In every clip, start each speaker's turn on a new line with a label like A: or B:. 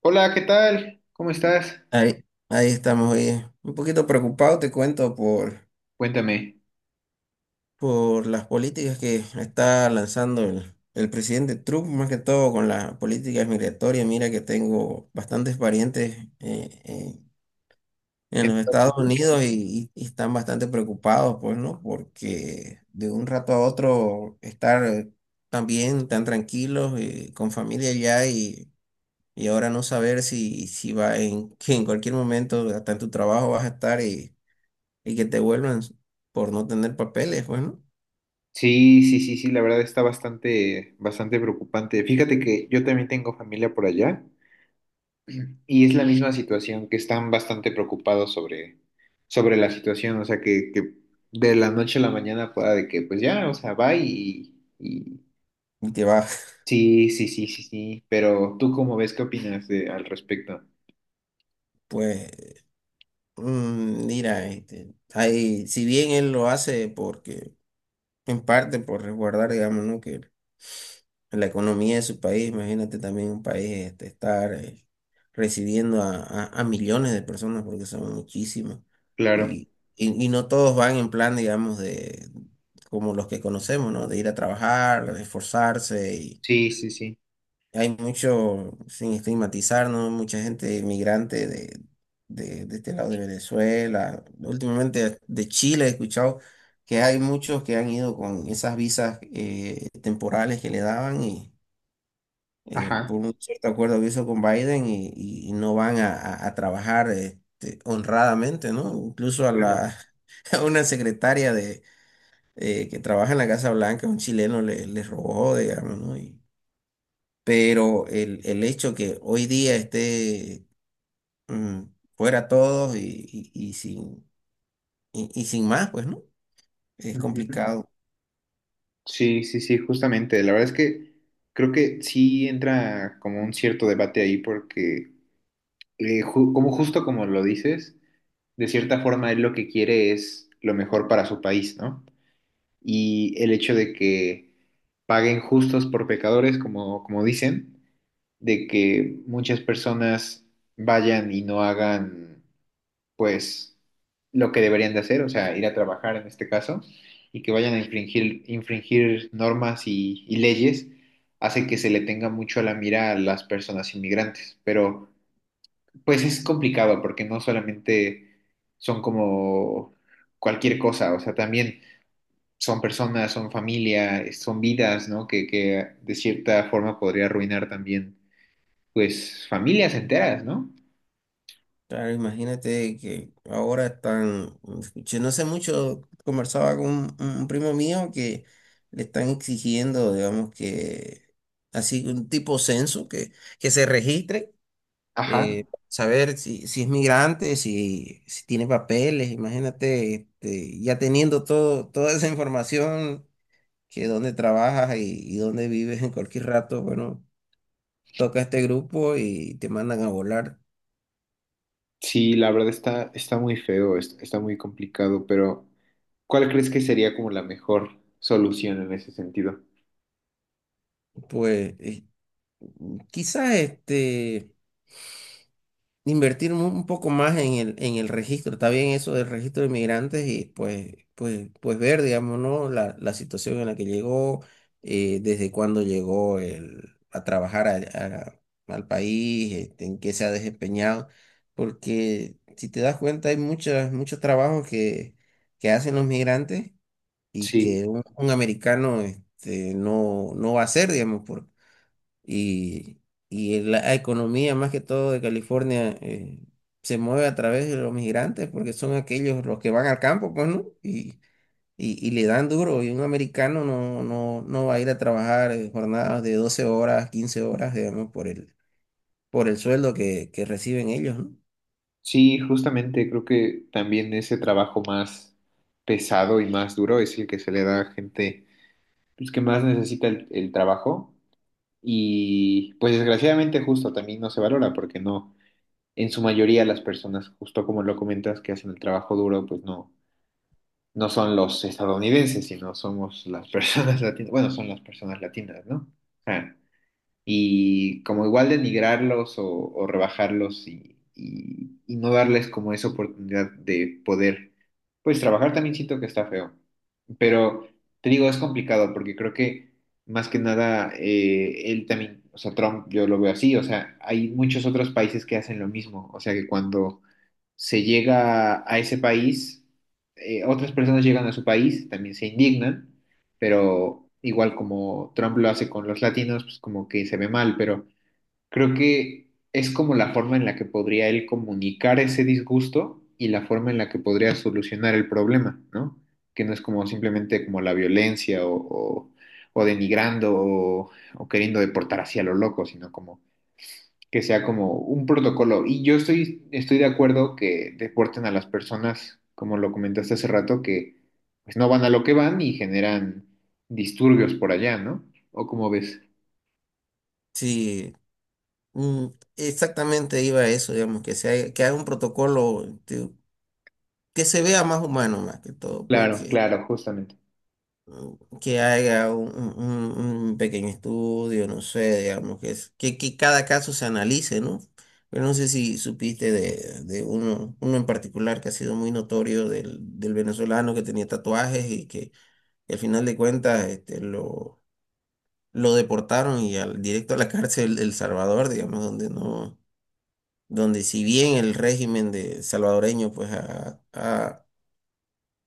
A: Hola, ¿qué tal? ¿Cómo estás?
B: Ahí, ahí estamos, oye. Un poquito preocupado, te cuento,
A: Cuéntame.
B: por las políticas que está lanzando el presidente Trump, más que todo con las políticas migratorias. Mira que tengo bastantes parientes en
A: ¿En
B: los Estados
A: bien?
B: Unidos y están bastante preocupados, pues, ¿no? Porque de un rato a otro estar tan bien, tan tranquilos, con familia ya y ahora no saber si va en, que en cualquier momento, hasta en tu trabajo vas a estar y que te vuelvan por no tener papeles, bueno,
A: Sí, sí, sí, sí, la verdad está bastante preocupante. Fíjate que yo también tengo familia por allá y es la misma situación, que están bastante preocupados sobre la situación, o sea, que de la noche a la mañana pueda de que, pues ya, o sea, va.
B: y te vas.
A: Sí, sí, sí, sí, sí, pero ¿tú cómo ves? ¿Al respecto?
B: Pues, mira, si bien él lo hace porque, en parte por resguardar, digamos, ¿no? Que la economía de su país, imagínate también un país estar recibiendo a millones de personas, porque son muchísimas,
A: Claro.
B: y no todos van en plan, digamos, de como los que conocemos, ¿no? De ir a trabajar, de esforzarse.
A: Sí, sí, sí.
B: Hay mucho, sin estigmatizar, ¿no? Mucha gente inmigrante de este lado de Venezuela. Últimamente de Chile he escuchado que hay muchos que han ido con esas visas temporales que le daban y
A: Ajá,
B: por un cierto acuerdo que hizo con Biden y no van a trabajar honradamente, ¿no? Incluso a
A: claro.
B: la a una secretaria de que trabaja en la Casa Blanca, un chileno le robó, digamos, ¿no? Y, pero el hecho que hoy día esté mm, fuera todos y sin más, pues no, es
A: Ujú.
B: complicado.
A: Sí, sí, sí, justamente. La verdad es que creo que sí entra como un cierto debate ahí porque, como justo como lo dices, de cierta forma él lo que quiere es lo mejor para su país, ¿no? Y el hecho de que paguen justos por pecadores, como dicen, de que muchas personas vayan y no hagan pues lo que deberían de hacer, o sea, ir a trabajar en este caso, y que vayan a infringir normas y leyes, hace que se le tenga mucho a la mira a las personas inmigrantes. Pero pues es complicado porque no solamente son como cualquier cosa, o sea, también son personas, son familia, son vidas, ¿no? Que de cierta forma podría arruinar también, pues, familias enteras, ¿no?
B: Claro, imagínate que ahora están, yo no sé mucho, conversaba con un primo mío que le están exigiendo, digamos, que así un tipo censo, que se registre
A: Ajá.
B: saber si, si es migrante, si, si tiene papeles, imagínate, ya teniendo todo, toda esa información, que dónde trabajas y dónde vives en cualquier rato, bueno, toca este grupo y te mandan a volar.
A: Sí, la verdad está muy feo, está muy complicado, pero ¿cuál crees que sería como la mejor solución en ese sentido?
B: Pues quizás este... Invertir un poco más en el registro. Está bien eso del registro de migrantes y pues, pues, pues ver, digamos, ¿no? La situación en la que llegó, desde cuándo llegó a trabajar a- al país, en qué se ha desempeñado. Porque si te das cuenta, hay muchos trabajos que hacen los migrantes y
A: Sí,
B: que un americano no, no va a hacer, digamos, y, y la economía más que todo de California se mueve a través de los migrantes porque son aquellos los que van al campo, pues, ¿no? Y le dan duro y un americano no, no, no va a ir a trabajar jornadas de 12 horas, 15 horas, digamos, por el sueldo que reciben ellos, ¿no?
A: sí, justamente creo que también ese trabajo más pesado y más duro es el que se le da a gente pues, que más necesita el trabajo y pues desgraciadamente justo también no se valora porque no, en su mayoría las personas, justo como lo comentas, que hacen el trabajo duro, pues no, no son los estadounidenses, sino somos las personas latinas, bueno, son las personas latinas, ¿no? Ah, y como igual denigrarlos o rebajarlos y no darles como esa oportunidad de poder, pues trabajar también siento que está feo, pero te digo, es complicado porque creo que más que nada él también, o sea, Trump, yo lo veo así, o sea, hay muchos otros países que hacen lo mismo, o sea, que cuando se llega a ese país, otras personas llegan a su país, también se indignan, pero igual como Trump lo hace con los latinos, pues como que se ve mal, pero creo que es como la forma en la que podría él comunicar ese disgusto y la forma en la que podría solucionar el problema, ¿no? Que no es como simplemente como la violencia o denigrando o queriendo deportar hacia lo loco, sino como que sea como un protocolo. Y yo estoy de acuerdo que deporten a las personas, como lo comentaste hace rato, que pues no van a lo que van y generan disturbios por allá, ¿no? ¿O como ves?
B: Sí, mm, exactamente iba a eso, digamos, que, que haya un protocolo que se vea más humano más que todo,
A: Claro,
B: porque
A: claro, justamente.
B: que haga un, un pequeño estudio, no sé, digamos, que cada caso se analice, ¿no? Pero no sé si supiste de uno, uno en particular que ha sido muy notorio del venezolano que tenía tatuajes y que al final de cuentas lo deportaron y al, directo a la cárcel de El Salvador, digamos, donde no, donde si bien el régimen de salvadoreño pues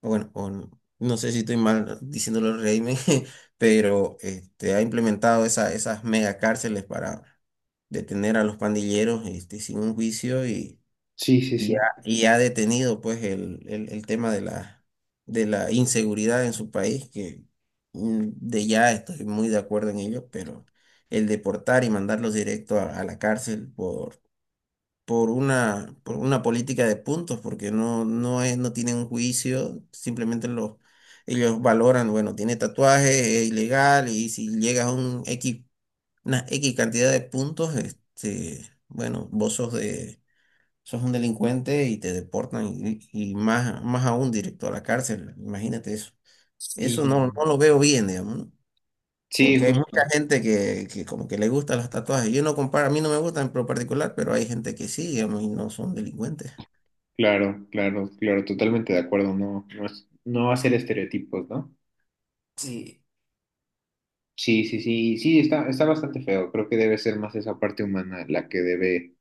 B: bueno, no sé si estoy mal diciéndolo el régimen, pero ha implementado esas mega cárceles para detener a los pandilleros sin un juicio
A: Sí, sí, sí.
B: y ha detenido pues el, el tema de la inseguridad en su país, que de ya estoy muy de acuerdo en ello, pero el deportar y mandarlos directo a la cárcel por por una política de puntos, porque no, no es, no tienen un juicio, simplemente ellos valoran, bueno, tiene tatuaje, es ilegal, y si llegas a un X, una X cantidad de puntos, bueno, sos un delincuente y te deportan, y más, más aún directo a la cárcel, imagínate eso.
A: Sí,
B: Eso no, no lo veo bien, digamos, ¿no?
A: sí,
B: Porque hay mucha
A: justo.
B: gente que como que le gustan los tatuajes. Yo no comparo, a mí no me gustan en lo particular, pero hay gente que sí, digamos, y no son delincuentes.
A: Claro, claro, claro, totalmente de acuerdo. No hacer estereotipos, ¿no?
B: Sí,
A: Sí, sí, sí, sí, está bastante feo. Creo que debe ser más esa parte humana la que debe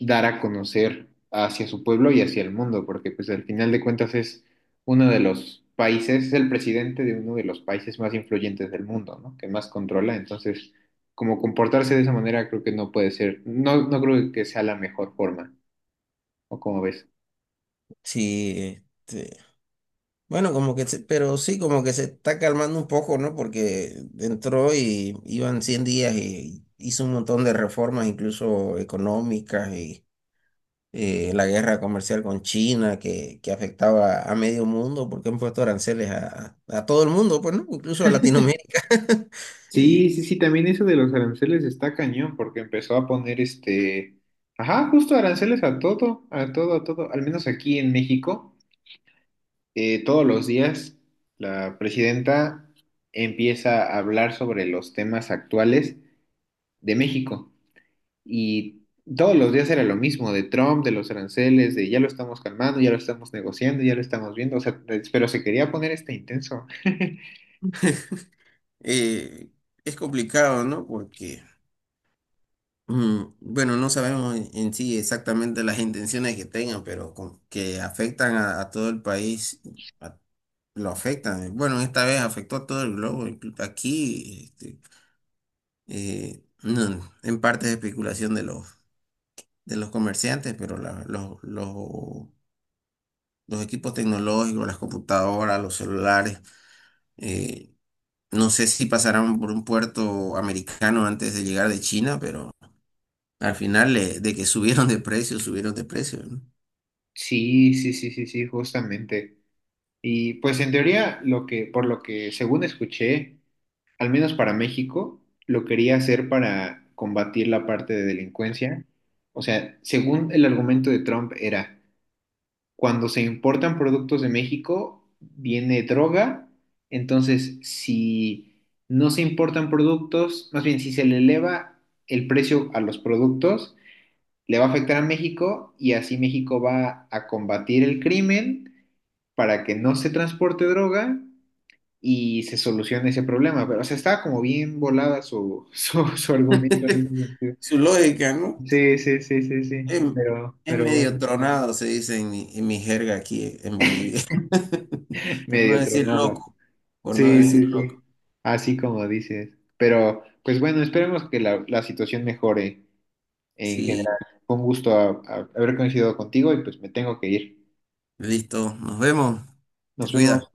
A: dar a conocer hacia su pueblo y hacia el mundo, porque pues al final de cuentas es uno de los países, es el presidente de uno de los países más influyentes del mundo, ¿no? Que más controla, entonces como comportarse de esa manera creo que no puede ser, no, no creo que sea la mejor forma, ¿o cómo ves?
B: sí, este, bueno, como que, pero sí, como que se está calmando un poco, ¿no? Porque entró y iban 100 días y hizo un montón de reformas, incluso económicas, y la guerra comercial con China que afectaba a medio mundo, porque han puesto aranceles a todo el mundo, pues, ¿no? Incluso a Latinoamérica.
A: Sí,
B: y
A: sí, sí, también eso de los aranceles está cañón, porque empezó a poner ajá, justo aranceles a todo, a todo, a todo, al menos aquí en México. Todos los días la presidenta empieza a hablar sobre los temas actuales de México y todos los días era lo mismo, de Trump, de los aranceles, de ya lo estamos calmando, ya lo estamos negociando, ya lo estamos viendo, o sea, pero se quería poner este intenso.
B: Eh, es complicado, ¿no? Porque, bueno, no sabemos en sí exactamente las intenciones que tengan, pero que afectan a todo el país, a- lo afectan. Bueno, esta vez afectó a todo el globo. Aquí, no, en parte es especulación de los comerciantes, pero los equipos tecnológicos, las computadoras, los celulares, eh, no sé si pasarán por un puerto americano antes de llegar de China, al final de que subieron de precio, ¿no?
A: Sí, sí, sí, sí, sí, justamente. Y pues en teoría, lo que, por lo que según escuché, al menos para México, lo quería hacer para combatir la parte de delincuencia. O sea, según el argumento de Trump era, cuando se importan productos de México, viene droga, entonces si no se importan productos, más bien si se le eleva el precio a los productos, le va a afectar a México y así México va a combatir el crimen para que no se transporte droga y se soluciona ese problema. Pero, o sea, estaba como bien volada su argumento en ese sentido.
B: Su lógica, ¿no?
A: Sí, sí, sí, sí, sí.
B: Es, es
A: Pero
B: medio
A: bueno,
B: tronado, se dice en mi jerga aquí en Bolivia. Por no
A: medio
B: decir
A: tronada.
B: loco, por no
A: Sí,
B: decir
A: sí, sí.
B: loco.
A: Así como dices. Pero, pues bueno, esperemos que la situación mejore en general.
B: Sí,
A: Con gusto haber coincidido contigo y pues me tengo que ir.
B: listo, nos vemos. Te
A: Nos
B: cuidas.
A: vemos.